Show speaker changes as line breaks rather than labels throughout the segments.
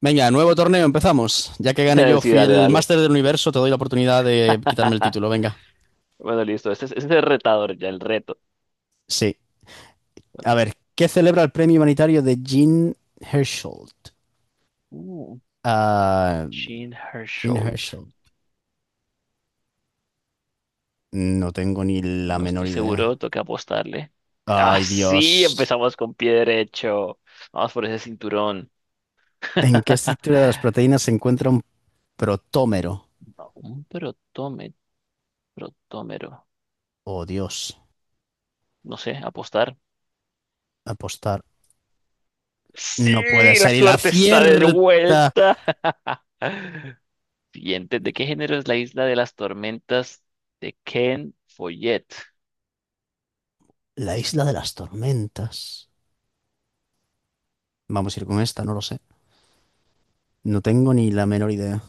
Venga, nuevo torneo, empezamos. Ya que gané yo,
Sí,
fui
dale,
el
dale.
máster del universo, te doy la oportunidad de quitarme el título, venga.
Bueno, listo. Ese es el retador, ya el reto.
Sí. A
Bueno.
ver, ¿qué celebra el premio humanitario de Jean Herschel?
Uh,
Ah,
Jean
Jean
Hersholt.
Herschel. No tengo ni la
No
menor
estoy
idea.
seguro, toca apostarle. Ah,
Ay,
sí,
Dios.
empezamos con pie derecho. Vamos por ese cinturón.
¿En qué estructura de las proteínas se encuentra un protómero?
Un protómetro, protómero.
Oh, Dios.
No sé, apostar.
Apostar. No puede
Sí, la
ser. Y la
suerte está de
cierta.
vuelta. Siguiente, ¿de qué género es la isla de las tormentas de Ken Follett?
La isla de las tormentas. Vamos a ir con esta, no lo sé. No tengo ni la menor idea.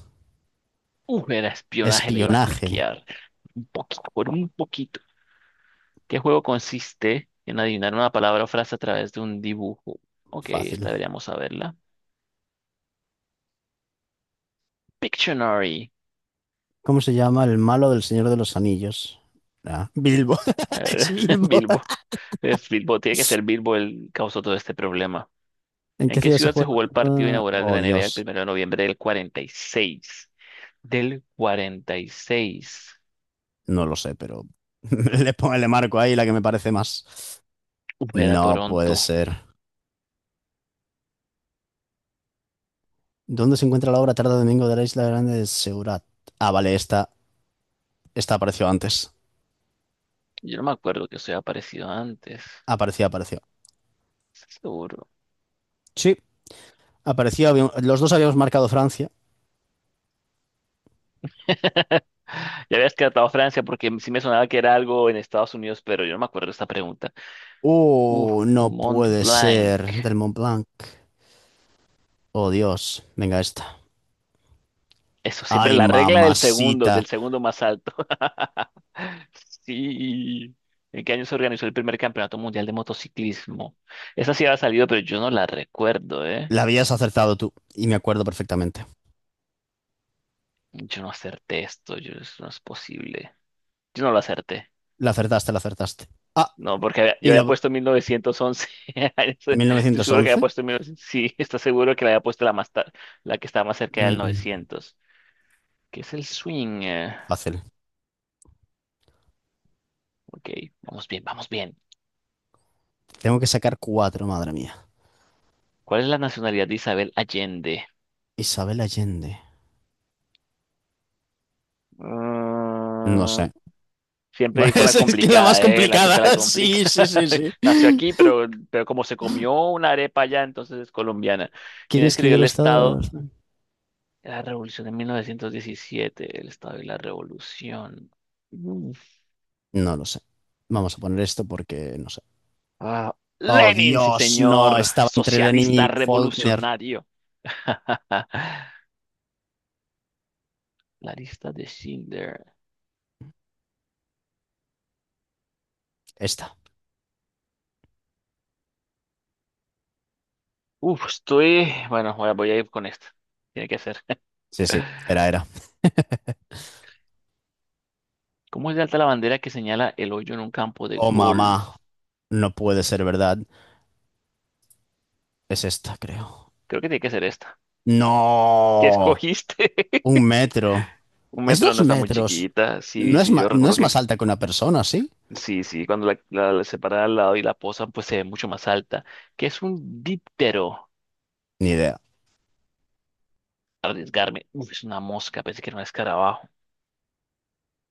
Era espionaje, le iba a
Espionaje.
cliquear. Un poquito, por un poquito. ¿Qué juego consiste en adivinar una palabra o frase a través de un dibujo? Ok,
Fácil.
esta deberíamos saberla. Pictionary.
¿Cómo se llama el malo del Señor de los Anillos? Ah, Bilbo.
A ver,
Es Bilbo.
Bilbo. Es Bilbo, tiene que ser Bilbo el causó todo este problema.
¿En
¿En
qué
qué
ciudad se
ciudad se
juega el
jugó el partido
partido?
inaugural de
Oh,
la NBA el
Dios.
primero de noviembre del 46? Del 46.
No lo sé, pero le pongo el marco ahí, la que me parece más.
Era
No puede
Toronto.
ser. ¿Dónde se encuentra la obra Tarde Domingo de la Isla Grande de Seurat? Ah, vale, esta apareció antes.
Yo no me acuerdo que eso haya aparecido antes.
Apareció, apareció.
Seguro.
Sí, apareció. Los dos habíamos marcado Francia.
Ya habías cantado Francia porque sí me sonaba que era algo en Estados Unidos, pero yo no me acuerdo de esta pregunta. Uf,
Oh, no
Mont
puede
Blanc.
ser. Del Mont Blanc. Oh, Dios. Venga, esta.
Eso, siempre
Ay,
la regla del segundo,
mamacita.
del segundo más alto. Sí. ¿En qué año se organizó el primer campeonato mundial de motociclismo? Esa sí había salido, pero yo no la recuerdo, ¿eh?
La habías acertado tú. Y me acuerdo perfectamente.
Yo no acerté esto, yo, eso no es posible. Yo no lo acerté.
La acertaste, la acertaste. Ah,
No, porque yo
y
había
la...
puesto 1911. Estoy seguro que
1911.
había puesto 1900. Sí, está seguro que la había puesto la que estaba más cerca del
Mm,
900, que es el swing.
fácil.
Ok, vamos bien, vamos bien.
Tengo que sacar cuatro, madre mía.
¿Cuál es la nacionalidad de Isabel Allende?
Isabel Allende. No
Mm,
sé.
siempre con la
Es que es la más
complicada, ¿eh? La que
complicada.
te la complica.
Sí, sí, sí, sí.
Nació aquí, pero como se comió una arepa allá, entonces es colombiana.
¿Quién
¿Quién escribió
escribió el
el
Estado de
Estado?
los...
De La Revolución de 1917, el Estado y la Revolución.
No lo sé. Vamos a poner esto porque no sé.
Ah,
Oh,
Lenin, sí,
Dios, no.
señor,
Estaba entre Lenin
socialista
y Faulkner.
revolucionario. La lista de Schindler.
Esta.
Uf, estoy. Bueno, voy a ir con esta. Tiene que ser.
Sí, sí. Era, era.
¿Cómo es de alta la bandera que señala el hoyo en un campo de
Oh,
golf?
mamá. No puede ser verdad. Es esta, creo.
Creo que tiene que ser esta. ¿Qué
No,
escogiste?
un metro.
Un
Es
metro
dos
no está muy
metros.
chiquita. Sí, sí, yo
No
recuerdo
es
que
más alta que una persona, ¿sí?
sí, sí, cuando la separan al lado y la posan, pues se ve mucho más alta. ¿Qué es un díptero?
Ni idea.
Arriesgarme. Uf, es una mosca, pensé que era un escarabajo.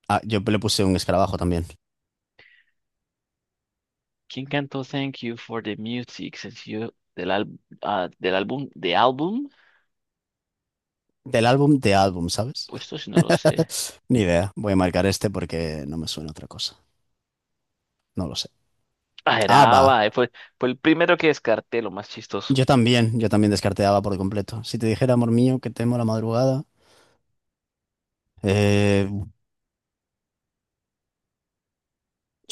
Ah, yo le puse un escarabajo también.
¿Quién cantó Thank You for the Music, sencillo ah, del álbum?
Del álbum de álbum, ¿sabes?
Pues esto sí no lo sé.
Ni idea. Voy a marcar este porque no me suena otra cosa. No lo sé.
Ah, era
ABBA.
ABBA, fue el primero que descarté, lo más chistoso.
Yo también. Yo también descarté ABBA por completo. Si te dijera, amor mío, que temo la madrugada. eh,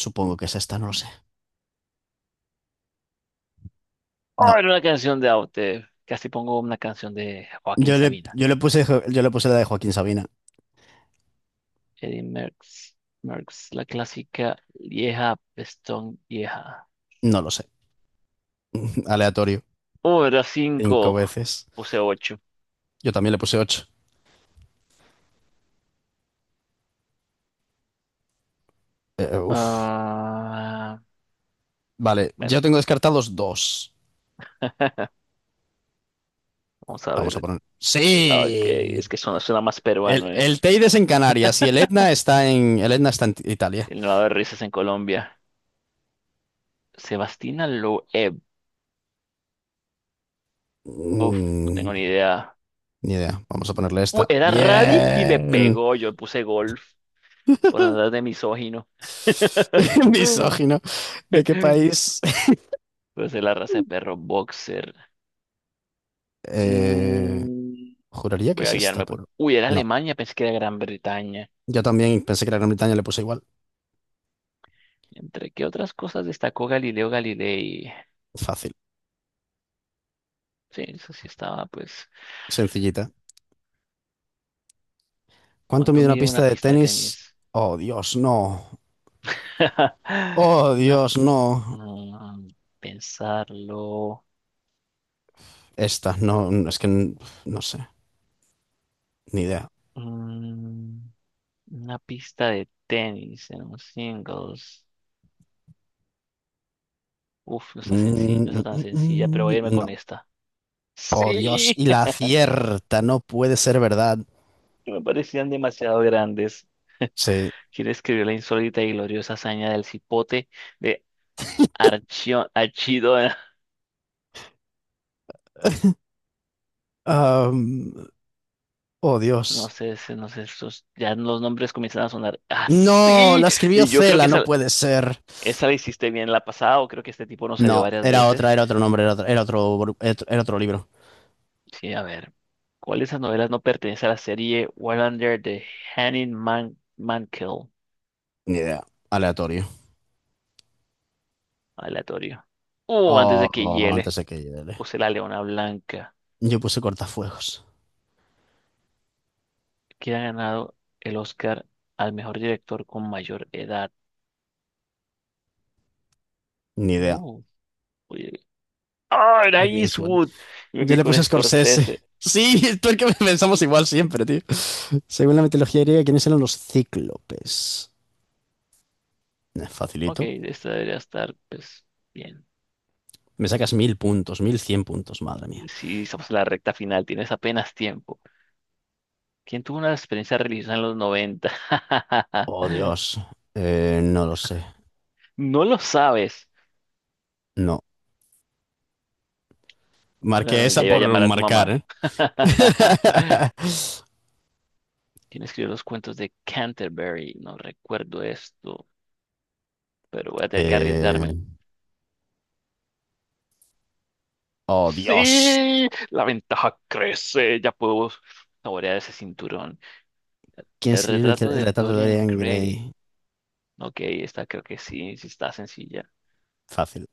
Supongo que es esta, no lo sé.
Oh,
No.
era una canción de Aute. Casi pongo una canción de Joaquín Sabina.
Yo le puse la de Joaquín Sabina.
Eddie Merckx, la clásica vieja, pestón vieja.
No lo sé. Aleatorio.
Oh, era
Cinco
cinco.
veces.
Puse ocho.
Yo también le puse 8. Uf.
Ah,
Vale, yo
bueno,
tengo descartados dos.
vamos a
Vamos a
ver.
poner.
Ah, Ok, es
¡Sí!
que suena más
El,
peruano, ¿eh?
el Teide es en Canarias y el Etna está en. El Etna está en Italia.
El nevado de risas en Colombia. Sebastina Loeb. No tengo
Mm,
ni idea.
ni idea. Vamos a ponerle
Uh,
esta.
era rally y le
¡Bien!
pegó. Yo puse golf por andar de misógino.
Misógino. ¿De qué país?
Pues es la raza de perro boxer.
Eh,
Mm,
juraría que
voy a
es esta,
guiarme por.
pero.
Uy, era
No.
Alemania, pensé que era Gran Bretaña.
Yo también pensé que la Gran Bretaña le puse igual.
¿Entre qué otras cosas destacó Galileo Galilei?
Fácil.
Sí, eso sí estaba, pues.
Sencillita. ¿Cuánto
¿Cuánto
mide una
mide una
pista de
pista de
tenis?
tenis?
Oh, Dios, no. Oh,
Una.
Dios, no.
mm, pensarlo.
Esta, no, no, es que n- no sé, ni idea.
Mm, Una pista de tenis en un singles. Uf, no está sencilla, no está
Mm,
tan
mm,
sencilla, pero voy a irme
No.
con esta.
Oh, Dios,
Sí,
y la acierta, no puede ser verdad.
me parecían demasiado grandes.
Sí.
¿Quién escribió la insólita y gloriosa hazaña del cipote de Archidona?
Am, oh,
No
Dios.
sé, no sé, esos, ya los nombres comienzan a sonar
No,
así.
la escribió
Y yo creo
Cela,
que
no
esa,
puede ser.
esa la hiciste bien la pasada, o creo que este tipo nos salió
No,
varias
era otra,
veces.
era otro nombre, era otro, bru- era otro libro.
Sí, a ver. ¿Cuál de esas novelas no pertenece a la serie Wallander de Henning Mankell?
Ni idea. Aleatorio.
Aleatorio. Antes de que
Oh,
hiele,
antes de que llegue.
puse la Leona Blanca,
Yo puse cortafuegos.
que ha ganado el Oscar al mejor director con mayor edad.
Ni idea.
Uh, oye. ¡Ah, era
Clint Eastwood.
Eastwood! Y me
Yo
fui
le
con
puse Scorsese.
Scorsese.
Sí, tú es que pensamos igual siempre, tío. Según la mitología griega, ¿quiénes eran los cíclopes?
Ok,
Facilito.
esta debería estar, pues, bien.
Me sacas mil puntos, mil cien puntos, madre mía.
Si estamos en la recta final, tienes apenas tiempo. ¿Quién tuvo una experiencia religiosa en los 90?
Oh, Dios. No lo sé.
No lo sabes.
No. Marqué
Ah,
esa
ya iba a
por
llamar a tu
marcar,
mamá.
¿eh?
¿Quién escribió los cuentos de Canterbury? No recuerdo esto, pero voy a tener que
Eh,
arriesgarme.
Oh, Dios.
¡Sí! La ventaja crece. Ya puedo saborear ese cinturón.
¿Quién
El
escribió el,
retrato
el
de
retrato de
Dorian
Dorian
Gray.
Gray?
Ok, esta creo que sí, sí está sencilla.
Fácil.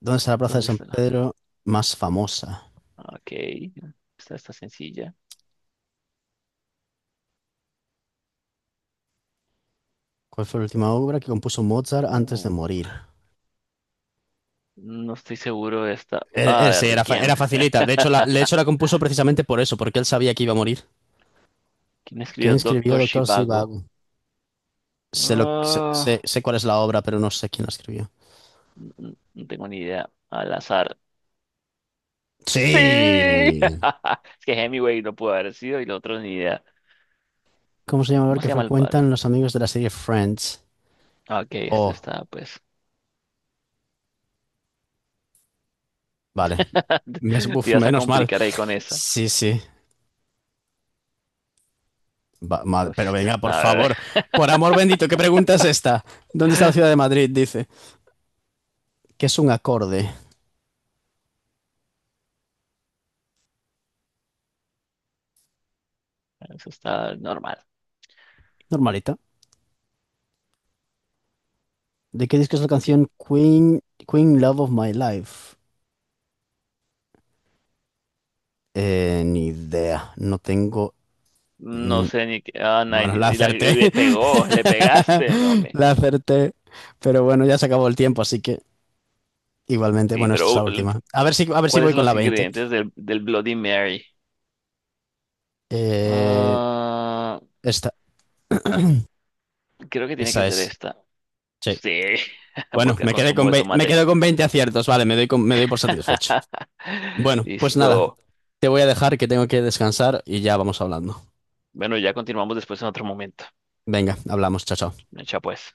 ¿Dónde está la plaza de
¿Dónde
San
está?
Pedro más famosa?
Ok, esta está sencilla.
¿Cuál fue la última obra que compuso Mozart antes
Uh,
de morir?
no estoy seguro de esta. Ah, de
Sí,
Requiem.
era facilita. De hecho, de hecho, la compuso precisamente por eso, porque él sabía que iba a morir.
¿Quién
¿Quién
escribió
escribió
Doctor
Doctor
Shivago?
Sivago? Sé, lo, sé, sé-
Ah,
Sé cuál es la obra, pero no sé quién la escribió.
no, no tengo ni idea. Al azar. ¡Sí!
Sí.
Es que Hemingway no pudo haber sido y los otros ni idea.
¿Cómo se llama el bar
¿Cómo se
que
llama el
frecuentan
bar?
los amigos de la serie Friends?
Ah, Ok, esta
Oh,
está, pues.
vale.
Te ibas a
Menos mal.
complicar ahí con esa.
Sí, sí.
Uy,
Pero
esta
venga, por
está,
favor. Por amor bendito, ¿qué pregunta es esta? ¿Dónde está la ciudad de Madrid? Dice. ¿Qué es un acorde?
eso está normal.
Normalita. ¿De qué disco es la
Es que
canción Queen, Queen Love of My Life? Ni idea, no tengo...
no
n-
sé ni qué. Ah,
Bueno, la acerté.
le pegó, le pegaste. No me.
La acerté. Pero bueno, ya se acabó el tiempo, así que igualmente,
Sí,
bueno, esta es
pero uh,
la última. A ver si
¿cuáles
voy
son
con la
los
20.
ingredientes del Bloody Mary?
Eh,
Ah,
esta,
creo que tiene que
esa
ser
es.
esta.
Sí.
Sí,
Bueno,
vodka con zumo de
me
tomate.
quedo con 20 aciertos, vale, me doy por satisfecho. Bueno, pues nada,
Listo.
te voy a dejar que tengo que descansar y ya vamos hablando.
Bueno, ya continuamos después en otro momento.
Venga, hablamos, chao, chao.
Echa pues.